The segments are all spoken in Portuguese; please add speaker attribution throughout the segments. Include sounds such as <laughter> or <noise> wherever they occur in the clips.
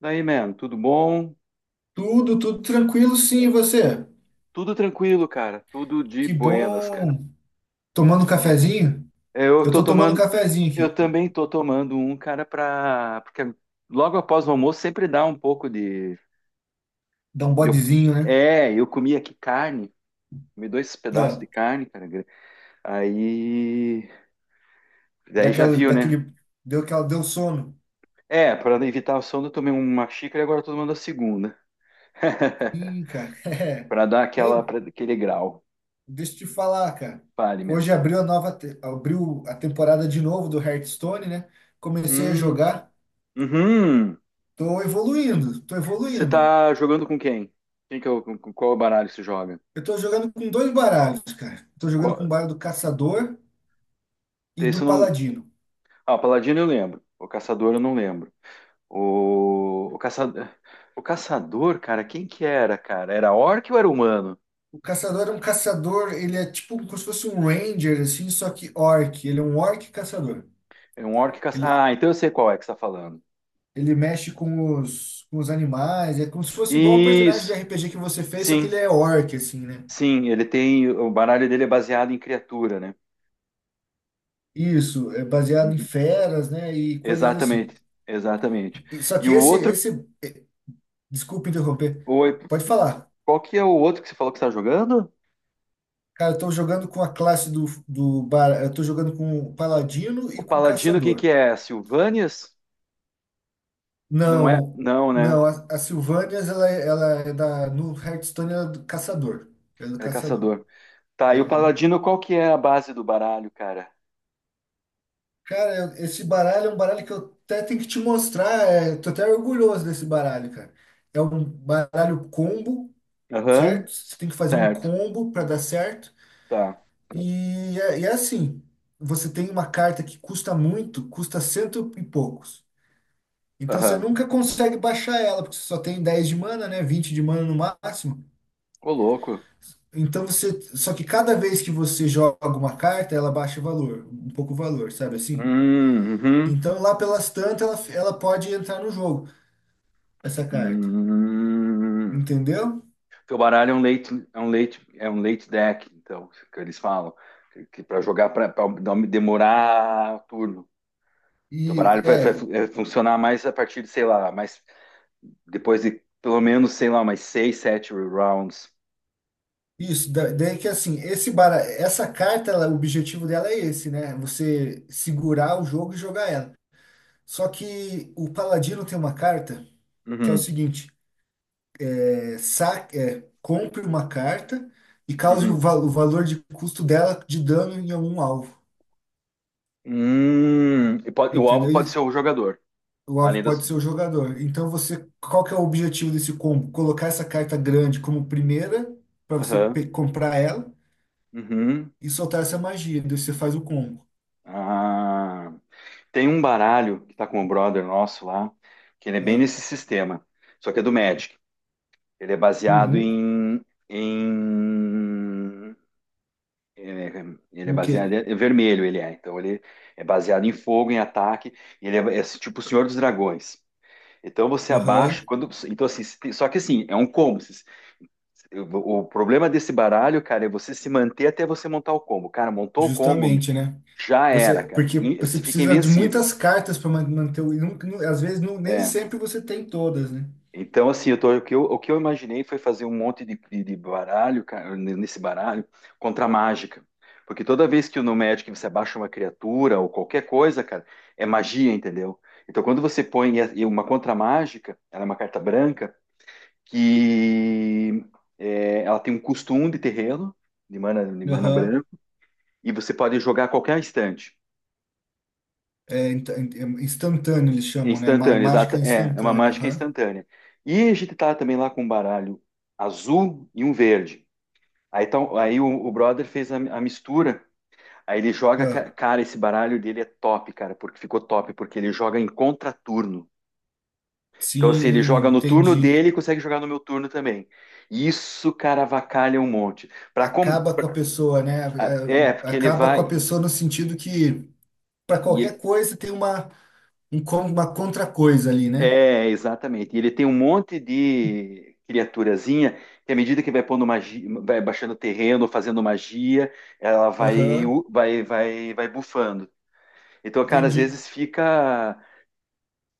Speaker 1: Daí, man, tudo bom?
Speaker 2: Tudo, tudo tranquilo, sim, e você?
Speaker 1: Tudo tranquilo, cara. Tudo de
Speaker 2: Que
Speaker 1: buenas, cara.
Speaker 2: bom. Tomando um cafezinho?
Speaker 1: Eu
Speaker 2: Eu
Speaker 1: tô
Speaker 2: tô tomando um
Speaker 1: tomando,
Speaker 2: cafezinho
Speaker 1: eu
Speaker 2: aqui.
Speaker 1: também tô tomando um, cara, pra. Porque logo após o almoço sempre dá um pouco de.
Speaker 2: Dá um
Speaker 1: eu-
Speaker 2: bodezinho, né?
Speaker 1: É, eu comi aqui carne, comi dois pedaços de
Speaker 2: Ah,
Speaker 1: carne, cara. Aí. Daí já
Speaker 2: daquela,
Speaker 1: viu, né?
Speaker 2: daquele, deu aquela, deu sono.
Speaker 1: É, pra evitar o sono, eu tomei uma xícara e agora eu tô tomando a segunda.
Speaker 2: Ih,
Speaker 1: <laughs>
Speaker 2: cara. <laughs> é.
Speaker 1: Pra dar aquela,
Speaker 2: Hein,
Speaker 1: aquele grau.
Speaker 2: deixa eu te falar, cara.
Speaker 1: Fale, man.
Speaker 2: Hoje abriu a temporada de novo do Hearthstone, né? Comecei a
Speaker 1: Hum,
Speaker 2: jogar.
Speaker 1: uhum.
Speaker 2: Tô evoluindo, tô
Speaker 1: Você
Speaker 2: evoluindo.
Speaker 1: tá jogando com quem? Quem que é com qual baralho você joga?
Speaker 2: Eu tô jogando com dois baralhos, cara. Tô jogando
Speaker 1: Qual,
Speaker 2: com o baralho do Caçador e
Speaker 1: esse
Speaker 2: do
Speaker 1: eu não.
Speaker 2: Paladino.
Speaker 1: Ah, o Paladino eu lembro. O Caçador eu não lembro. O Caçador. O Caçador, cara, quem que era, cara? Era orc ou era humano?
Speaker 2: O caçador é um caçador, ele é tipo como se fosse um ranger, assim, só que orc. Ele é um orc caçador.
Speaker 1: É um orc
Speaker 2: Ele,
Speaker 1: Ah, então eu sei qual é que você tá falando.
Speaker 2: ele mexe com os animais, é como se fosse igual o personagem de
Speaker 1: Isso.
Speaker 2: RPG que você fez, só que
Speaker 1: Sim,
Speaker 2: ele é orc, assim, né?
Speaker 1: sim. Ele tem. O baralho dele é baseado em criatura, né?
Speaker 2: Isso, é baseado em
Speaker 1: Uhum.
Speaker 2: feras, né? E coisas assim.
Speaker 1: Exatamente. Exatamente.
Speaker 2: E- só
Speaker 1: E
Speaker 2: que
Speaker 1: o
Speaker 2: esse,
Speaker 1: outro.
Speaker 2: esse, eh, Desculpa interromper,
Speaker 1: o-
Speaker 2: pode falar.
Speaker 1: Qual que é o outro que você falou que você tá jogando?
Speaker 2: Cara, eu tô jogando com a classe do, do bar, eu tô jogando com o paladino
Speaker 1: O
Speaker 2: e com o
Speaker 1: Paladino, quem que
Speaker 2: caçador.
Speaker 1: é? Silvanias? Não é?
Speaker 2: Não,
Speaker 1: Não, né?
Speaker 2: não, a Sylvanias, ela é da. No Hearthstone, ela é do caçador. Ela é do
Speaker 1: É
Speaker 2: caçador.
Speaker 1: caçador. Tá, e o
Speaker 2: Aham.
Speaker 1: paladino, qual que é a base do baralho, cara?
Speaker 2: Cara, esse baralho é um baralho que eu até tenho que te mostrar. É, tô até orgulhoso desse baralho, cara. É um baralho combo,
Speaker 1: Aham,
Speaker 2: certo? Você tem que fazer um
Speaker 1: certo.
Speaker 2: combo para dar certo.
Speaker 1: Tá.
Speaker 2: E é assim: você tem uma carta que custa muito, custa cento e poucos. Então você
Speaker 1: Aham.
Speaker 2: nunca consegue baixar ela, porque você só tem 10 de mana, né? 20 de mana no máximo.
Speaker 1: Ô, louco.
Speaker 2: Então você. Só que cada vez que você joga uma carta, ela baixa o valor, um pouco o valor, sabe assim?
Speaker 1: Uhum.
Speaker 2: Então lá pelas tantas, ela pode entrar no jogo, essa carta.
Speaker 1: Hum.
Speaker 2: Entendeu?
Speaker 1: Teu baralho é um late, é um late, é um late deck, então, que eles falam. Que para jogar, para demorar turno. Teu
Speaker 2: E
Speaker 1: baralho vai, vai
Speaker 2: é
Speaker 1: fu- é, funcionar mais a partir de, sei lá, mais depois de pelo menos, sei lá, mais seis, sete rounds.
Speaker 2: isso. Daí que assim, essa carta, o objetivo dela é esse, né? Você segurar o jogo e jogar ela. Só que o Paladino tem uma carta que é o
Speaker 1: Uhum,
Speaker 2: seguinte: compre uma carta e cause
Speaker 1: uhum.
Speaker 2: o valor de custo dela de dano em algum alvo.
Speaker 1: E o alvo pode ser
Speaker 2: Entendeu?
Speaker 1: o jogador,
Speaker 2: O alvo
Speaker 1: além das.
Speaker 2: pode ser o jogador. Então você, qual que é o objetivo desse combo? Colocar essa carta grande como primeira para você
Speaker 1: Aham,
Speaker 2: comprar ela
Speaker 1: uhum.
Speaker 2: e soltar essa magia. Daí você faz o combo.
Speaker 1: Ah, tem um baralho que tá com o brother nosso lá, que ele é bem
Speaker 2: Ah,
Speaker 1: nesse sistema, só que é do Magic. Ele é baseado
Speaker 2: uhum.
Speaker 1: em ele é
Speaker 2: No
Speaker 1: baseado
Speaker 2: quê?
Speaker 1: é vermelho, ele é. Então ele é baseado em fogo, em ataque. Ele é tipo o Senhor dos Dragões. Então você
Speaker 2: Aham,
Speaker 1: abaixa quando, então assim, se só que assim é um combo. O problema desse baralho, cara, é você se manter até você montar o combo. Cara, montou o combo,
Speaker 2: justamente, né?
Speaker 1: já era,
Speaker 2: Você,
Speaker 1: cara.
Speaker 2: porque você
Speaker 1: Você fica
Speaker 2: precisa de
Speaker 1: invencível.
Speaker 2: muitas cartas para manter o. E nunca- nu- às vezes não- nem
Speaker 1: É.
Speaker 2: sempre você tem todas, né?
Speaker 1: Então, assim, eu tô- o que eu imaginei foi fazer um monte de baralho, cara, nesse baralho, contra a mágica. Porque toda vez que no Magic você abaixa uma criatura ou qualquer coisa, cara, é magia, entendeu? Então, quando você põe e uma contra mágica, ela é uma carta branca, que é, ela tem um custo um de terreno, de mana
Speaker 2: Aham.
Speaker 1: branca. E você pode jogar a qualquer instante.
Speaker 2: É, é instantâneo eles
Speaker 1: É
Speaker 2: chamam, né?
Speaker 1: Instantânea,
Speaker 2: Mágica
Speaker 1: exata. É uma
Speaker 2: instantânea.
Speaker 1: mágica
Speaker 2: Aham.
Speaker 1: instantânea. E a gente tá também lá com um baralho azul e um verde. Aí, tá, aí o brother fez a mistura. Aí ele joga,
Speaker 2: Ah,
Speaker 1: cara, esse baralho dele é top, cara, porque ficou top, porque ele joga em contraturno. Então, assim, ele
Speaker 2: sim,
Speaker 1: joga no turno
Speaker 2: entendi.
Speaker 1: dele e consegue jogar no meu turno também. Isso, cara, avacalha um monte. Pra
Speaker 2: Acaba com a pessoa, né?
Speaker 1: ah,
Speaker 2: É,
Speaker 1: É, porque ele
Speaker 2: acaba com a
Speaker 1: vai.
Speaker 2: pessoa no sentido que para
Speaker 1: E
Speaker 2: qualquer
Speaker 1: ele-
Speaker 2: coisa tem uma contra-coisa ali, né?
Speaker 1: É, exatamente. E ele tem um monte de criaturazinha que, à medida que vai pondo magia, vai baixando terreno, fazendo magia, ela vai,
Speaker 2: Aham,
Speaker 1: vai, vai, vai bufando. Então, cara, às
Speaker 2: entendi.
Speaker 1: vezes fica.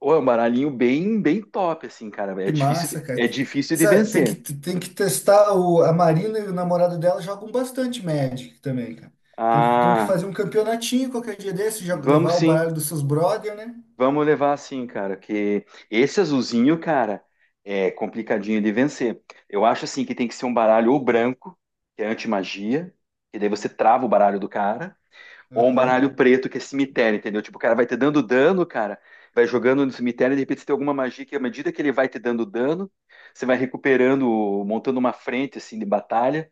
Speaker 1: Ou é um baralhinho bem, bem top, assim, cara.
Speaker 2: Que massa, cara.
Speaker 1: É difícil de
Speaker 2: Sabe, tem que,
Speaker 1: vencer.
Speaker 2: tem que testar a Marina e o namorado dela jogam bastante Magic também, cara. Tem que
Speaker 1: Ah,
Speaker 2: fazer um campeonatinho qualquer dia desse,
Speaker 1: vamos
Speaker 2: levar o
Speaker 1: sim.
Speaker 2: baralho dos seus brother, né?
Speaker 1: Vamos levar assim, cara, que esse azulzinho, cara, é complicadinho de vencer. Eu acho assim que tem que ser um baralho ou branco, que é anti-magia, que daí você trava o baralho do cara, ou um
Speaker 2: Aham,
Speaker 1: baralho preto, que é cemitério, entendeu? Tipo, o cara vai te dando dano, cara, vai jogando no cemitério, e de repente você tem alguma magia que, à medida que ele vai te dando dano, você vai recuperando, montando uma frente, assim, de batalha,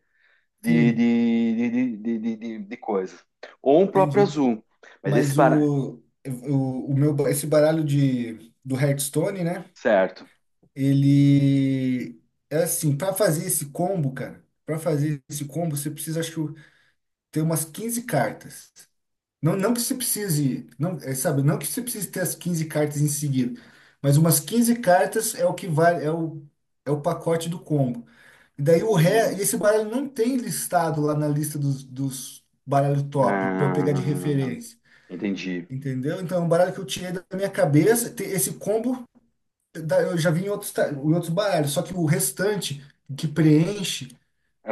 Speaker 1: de,
Speaker 2: sim,
Speaker 1: de, de, de coisa. Ou um próprio
Speaker 2: entendi.
Speaker 1: azul. Mas esse
Speaker 2: Mas
Speaker 1: baralho.
Speaker 2: o meu, esse baralho do Hearthstone, né?
Speaker 1: Certo.
Speaker 2: Ele é assim, para fazer esse combo, cara, para fazer esse combo, você precisa, acho que ter umas 15 cartas. Não, não que você precise, não, é, sabe, não que você precise ter as 15 cartas em seguida, mas umas 15 cartas é o que vale, é o pacote do combo. E daí o ré,
Speaker 1: Hum.
Speaker 2: e esse baralho não tem listado lá na lista dos baralhos top para eu pegar de
Speaker 1: Ah,
Speaker 2: referência.
Speaker 1: entendi.
Speaker 2: Entendeu? Então, é um baralho que eu tirei da minha cabeça. Esse combo eu já vi em outros, em outros baralhos, só que o restante que preenche,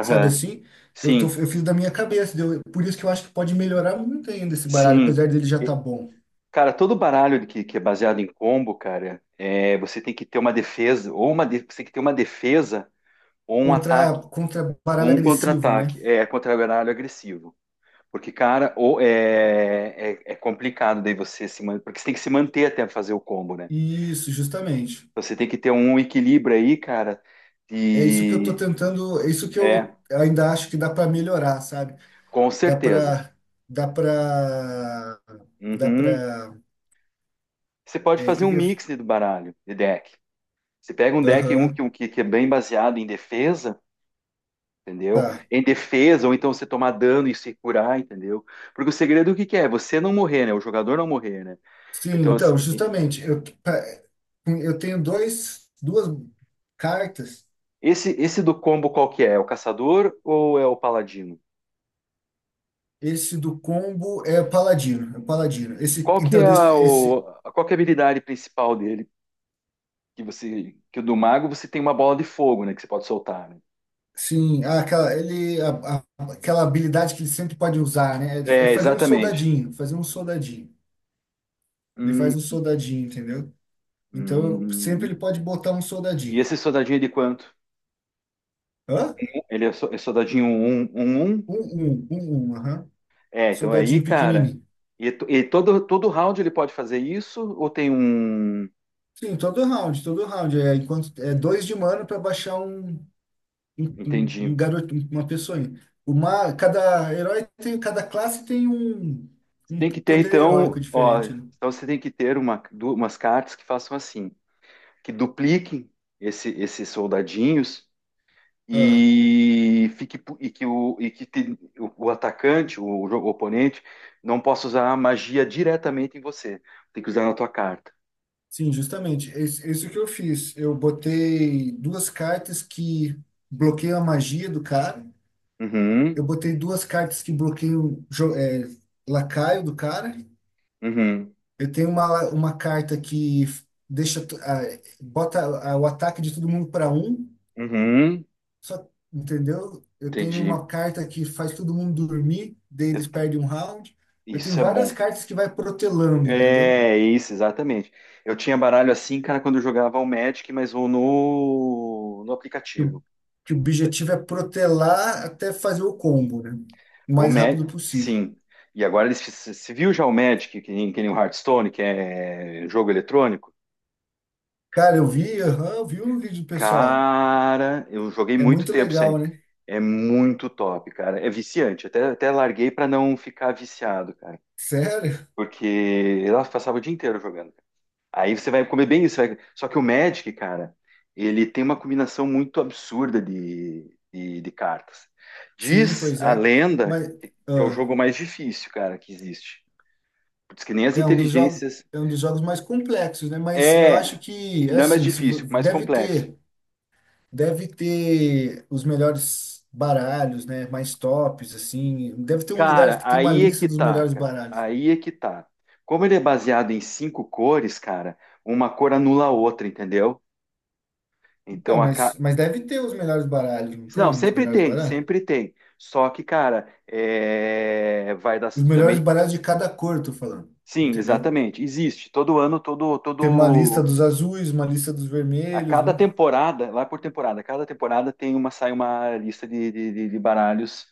Speaker 2: sabe assim,
Speaker 1: Sim,
Speaker 2: eu fiz da minha cabeça, deu, por isso que eu acho que pode melhorar muito ainda esse baralho,
Speaker 1: sim.
Speaker 2: apesar dele já tá
Speaker 1: E,
Speaker 2: bom.
Speaker 1: cara, todo baralho que é baseado em combo, cara, você tem que ter uma defesa, você tem que ter uma defesa, ou um
Speaker 2: Contra,
Speaker 1: ataque,
Speaker 2: contra
Speaker 1: ou
Speaker 2: baralho
Speaker 1: um
Speaker 2: agressivo, né?
Speaker 1: contra-ataque. É, contra baralho agressivo. Porque, cara, ou é complicado daí você se manter, porque você tem que se manter até fazer o combo, né?
Speaker 2: Isso, justamente.
Speaker 1: Então, você tem que ter um equilíbrio aí, cara,
Speaker 2: É isso que eu tô
Speaker 1: e
Speaker 2: tentando, é isso que eu
Speaker 1: é,
Speaker 2: ainda acho que dá para melhorar, sabe?
Speaker 1: com
Speaker 2: Dá
Speaker 1: certeza.
Speaker 2: para, dá para, dá
Speaker 1: Uhum.
Speaker 2: para,
Speaker 1: Você pode
Speaker 2: é,
Speaker 1: fazer
Speaker 2: que
Speaker 1: um
Speaker 2: que eu,
Speaker 1: mix do baralho, de deck. Você pega um deck um
Speaker 2: aham,
Speaker 1: que, um que, que é bem baseado em defesa, entendeu?
Speaker 2: tá.
Speaker 1: Em defesa, ou então você tomar dano e se curar, entendeu? Porque o segredo o que que é? Você não morrer, né? O jogador não morrer, né?
Speaker 2: Sim,
Speaker 1: Então, assim,
Speaker 2: então, justamente, eu tenho duas cartas.
Speaker 1: esse do combo qual que é? É o caçador ou é o paladino?
Speaker 2: Esse do combo é o Paladino, é o Paladino. Esse,
Speaker 1: Qual que
Speaker 2: então,
Speaker 1: é
Speaker 2: desse-
Speaker 1: a, o,
Speaker 2: esse,
Speaker 1: qual que é a habilidade principal dele? Que o do mago você tem uma bola de fogo, né? Que você pode soltar, né?
Speaker 2: sim, ah, aquela, ele, a- a- aquela habilidade que ele sempre pode usar, né? É
Speaker 1: É,
Speaker 2: fazer um
Speaker 1: exatamente.
Speaker 2: soldadinho, fazer um soldadinho. Ele
Speaker 1: Hum,
Speaker 2: faz um soldadinho, entendeu? Então, sempre
Speaker 1: hum.
Speaker 2: ele pode botar um
Speaker 1: E
Speaker 2: soldadinho.
Speaker 1: esse soldadinho é de quanto?
Speaker 2: Hã?
Speaker 1: É soldadinho um, 1, 1.
Speaker 2: Um, aham.
Speaker 1: É, então é aí,
Speaker 2: Soldadinho
Speaker 1: cara.
Speaker 2: pequenininho.
Speaker 1: E todo round ele pode fazer isso? Ou tem um.
Speaker 2: Sim, todo round, todo round. É, enquanto, é dois de mana para baixar um.
Speaker 1: Entendi.
Speaker 2: Uma pessoa. Uma, cada herói tem, Cada classe tem um
Speaker 1: Tem que ter,
Speaker 2: poder heróico
Speaker 1: então. Ó,
Speaker 2: diferente, né?
Speaker 1: então você tem que ter umas cartas que façam assim: que dupliquem esses soldadinhos
Speaker 2: Ah,
Speaker 1: e o atacante, o, jo- o oponente, não possa usar a magia diretamente em você. Tem que usar na tua carta.
Speaker 2: sim, justamente. Esse que eu fiz. Eu botei duas cartas que bloqueiam a magia do cara. Eu
Speaker 1: Uhum,
Speaker 2: botei duas cartas que bloqueiam lacaio do cara.
Speaker 1: uhum,
Speaker 2: Eu tenho uma carta que deixa bota o ataque de todo mundo para um.
Speaker 1: uhum.
Speaker 2: Só, entendeu? Eu tenho
Speaker 1: Entendi.
Speaker 2: uma carta que faz todo mundo dormir, daí
Speaker 1: Eu,
Speaker 2: eles perdem um round. Eu tenho
Speaker 1: Isso é
Speaker 2: várias
Speaker 1: bom.
Speaker 2: cartas que vai protelando, entendeu?
Speaker 1: É, isso, exatamente. Eu tinha baralho assim, cara, quando eu jogava o Magic, mas o no, no
Speaker 2: Que o,
Speaker 1: aplicativo.
Speaker 2: que o objetivo é protelar até fazer o combo, né? O
Speaker 1: O
Speaker 2: mais
Speaker 1: Magic,
Speaker 2: rápido possível.
Speaker 1: sim. E agora eles se viu já o Magic, que nem o Hearthstone, que é jogo eletrônico?
Speaker 2: Cara, eu vi, aham, eu vi um vídeo, do pessoal.
Speaker 1: Cara, eu joguei
Speaker 2: É
Speaker 1: muito
Speaker 2: muito
Speaker 1: tempo isso aí.
Speaker 2: legal, né?
Speaker 1: É muito top, cara. É viciante. Até larguei pra não ficar viciado, cara.
Speaker 2: Sério?
Speaker 1: Porque eu passava o dia inteiro jogando. Aí você vai comer bem isso. Só que o Magic, cara, ele tem uma combinação muito absurda de cartas.
Speaker 2: Sim,
Speaker 1: Diz
Speaker 2: pois
Speaker 1: a
Speaker 2: é.
Speaker 1: lenda
Speaker 2: Mas
Speaker 1: que é o
Speaker 2: ah,
Speaker 1: jogo mais difícil, cara, que existe. Diz que nem as
Speaker 2: é um dos jogos,
Speaker 1: inteligências.
Speaker 2: é um dos jogos mais complexos, né? Mas eu
Speaker 1: É,
Speaker 2: acho que, é
Speaker 1: não é mais
Speaker 2: assim, se, vo-
Speaker 1: difícil, mais
Speaker 2: deve
Speaker 1: complexo.
Speaker 2: ter. Deve ter os melhores baralhos, né? Mais tops, assim. Deve ter um lugar
Speaker 1: Cara,
Speaker 2: que tem uma
Speaker 1: aí é
Speaker 2: lista
Speaker 1: que
Speaker 2: dos
Speaker 1: tá,
Speaker 2: melhores
Speaker 1: cara.
Speaker 2: baralhos.
Speaker 1: Aí é que tá. Como ele é baseado em cinco cores, cara, uma cor anula a outra, entendeu?
Speaker 2: Então,
Speaker 1: Então
Speaker 2: mas deve ter os melhores baralhos, não
Speaker 1: Não,
Speaker 2: tem os
Speaker 1: sempre
Speaker 2: melhores
Speaker 1: tem,
Speaker 2: baralhos?
Speaker 1: sempre tem. Só que, cara, vai dar
Speaker 2: Os melhores
Speaker 1: também.
Speaker 2: baralhos de cada cor, tô falando.
Speaker 1: Sim,
Speaker 2: Entendeu?
Speaker 1: exatamente. Existe. Todo ano, todo,
Speaker 2: Tem uma lista
Speaker 1: todo.
Speaker 2: dos azuis, uma lista dos
Speaker 1: A
Speaker 2: vermelhos,
Speaker 1: cada
Speaker 2: né?
Speaker 1: temporada, lá por temporada, cada temporada tem sai uma lista de baralhos,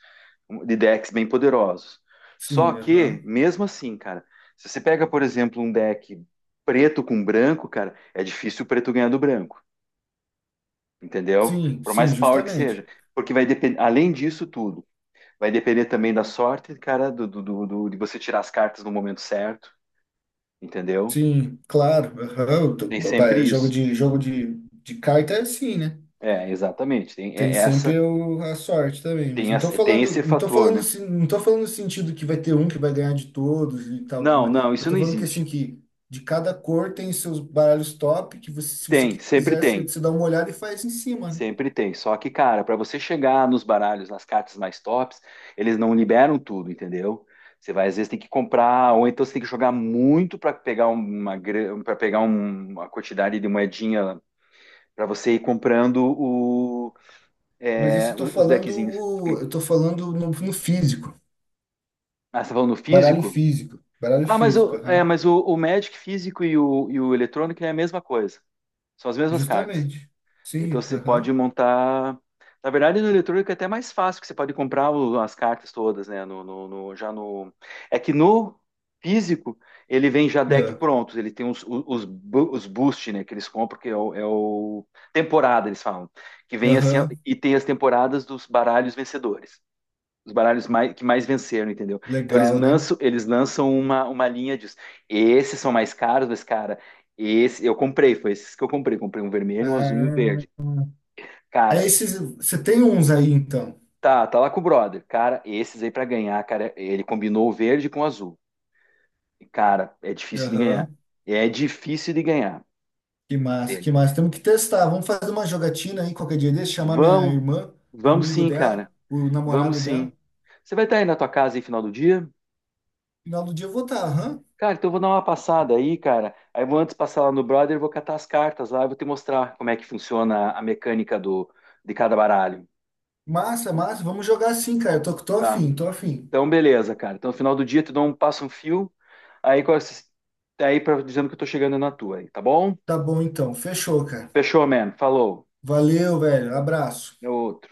Speaker 1: de decks bem poderosos. Só
Speaker 2: Sim,
Speaker 1: que,
Speaker 2: aham.
Speaker 1: mesmo assim, cara, se você pega, por exemplo, um deck preto com branco, cara, é difícil o preto ganhar do branco, entendeu?
Speaker 2: Sim,
Speaker 1: Por
Speaker 2: sim,
Speaker 1: mais power que
Speaker 2: justamente.
Speaker 1: seja. Porque vai depender, além disso tudo. Vai depender também da sorte, cara, de você tirar as cartas no momento certo, entendeu?
Speaker 2: Sim, claro. Aham. Eu tô-
Speaker 1: Tem
Speaker 2: ba- ba-
Speaker 1: sempre
Speaker 2: é, Jogo
Speaker 1: isso.
Speaker 2: de, carta é assim, né?
Speaker 1: É, exatamente. Tem é-
Speaker 2: Tem
Speaker 1: é
Speaker 2: sempre a sorte também, mas
Speaker 1: essa- tem esse fator, né?
Speaker 2: não tô falando no sentido que vai ter um que vai ganhar de todos e tal, tudo
Speaker 1: Não,
Speaker 2: mais.
Speaker 1: não,
Speaker 2: Eu
Speaker 1: isso não
Speaker 2: tô falando que assim
Speaker 1: existe.
Speaker 2: que de cada cor tem seus baralhos top que você, se você
Speaker 1: Sempre
Speaker 2: quiser, você,
Speaker 1: tem.
Speaker 2: você dá uma olhada e faz em cima, né?
Speaker 1: Sempre tem. Só que, cara, para você chegar nos baralhos, nas cartas mais tops, eles não liberam tudo, entendeu? Você vai, às vezes, tem que comprar, ou então você tem que jogar muito para pegar uma quantidade de moedinha para você ir comprando o
Speaker 2: Mas isso
Speaker 1: é,
Speaker 2: eu tô
Speaker 1: os, os
Speaker 2: falando,
Speaker 1: deckzinhos.
Speaker 2: eu tô falando no físico,
Speaker 1: Ah, você tá falando
Speaker 2: baralho
Speaker 1: físico?
Speaker 2: físico, baralho
Speaker 1: Ah, mas,
Speaker 2: físico,
Speaker 1: o, é,
Speaker 2: aham.
Speaker 1: mas o, o Magic físico e o eletrônico é a mesma coisa. São as mesmas cartas.
Speaker 2: Justamente.
Speaker 1: Então
Speaker 2: Sim,
Speaker 1: você pode
Speaker 2: aham.
Speaker 1: montar. Na verdade, no eletrônico é até mais fácil, que você pode comprar as cartas todas, né? Já no. É que no físico ele vem já deck
Speaker 2: É,
Speaker 1: prontos. Ele tem os boost, né? Que eles compram, que é o temporada, eles falam. Que vem assim,
Speaker 2: aham.
Speaker 1: e tem as temporadas dos baralhos vencedores. Os baralhos que mais venceram, entendeu? Então eles
Speaker 2: Legal, né?
Speaker 1: lançam, uma linha disso. Esses são mais caros, mas, cara, esse eu comprei, foi esses que eu comprei. Comprei um vermelho, um azul e um
Speaker 2: Ah,
Speaker 1: verde.
Speaker 2: é
Speaker 1: Cara,
Speaker 2: esses, você tem uns aí então.
Speaker 1: tá lá com o brother. Cara, esses aí pra ganhar, cara, ele combinou o verde com o azul. E, cara, é difícil de ganhar.
Speaker 2: Aham.
Speaker 1: É difícil de ganhar
Speaker 2: Que massa,
Speaker 1: dele.
Speaker 2: que massa. Temos que testar. Vamos fazer uma jogatina aí qualquer dia desse, chamar minha
Speaker 1: Vamos,
Speaker 2: irmã, um
Speaker 1: vamos
Speaker 2: amigo
Speaker 1: sim, cara.
Speaker 2: dela, o
Speaker 1: Vamos
Speaker 2: namorado dela.
Speaker 1: sim. Você vai estar aí na tua casa aí final do dia?
Speaker 2: Final do dia eu vou estar, aham.
Speaker 1: Cara, então eu vou dar uma passada aí, cara. Aí eu vou antes passar lá no brother, eu vou catar as cartas lá, eu vou te mostrar como é que funciona a mecânica de cada baralho,
Speaker 2: Massa, massa. Vamos jogar sim, cara. Tô
Speaker 1: tá?
Speaker 2: afim, tô afim.
Speaker 1: Então, beleza, cara. Então, no final do dia, eu te dou um passo um fio, aí, com aí pra, dizendo que eu tô chegando na tua aí, tá bom?
Speaker 2: Tá bom então. Fechou, cara.
Speaker 1: Fechou, man. Falou.
Speaker 2: Valeu, velho. Abraço.
Speaker 1: É outro.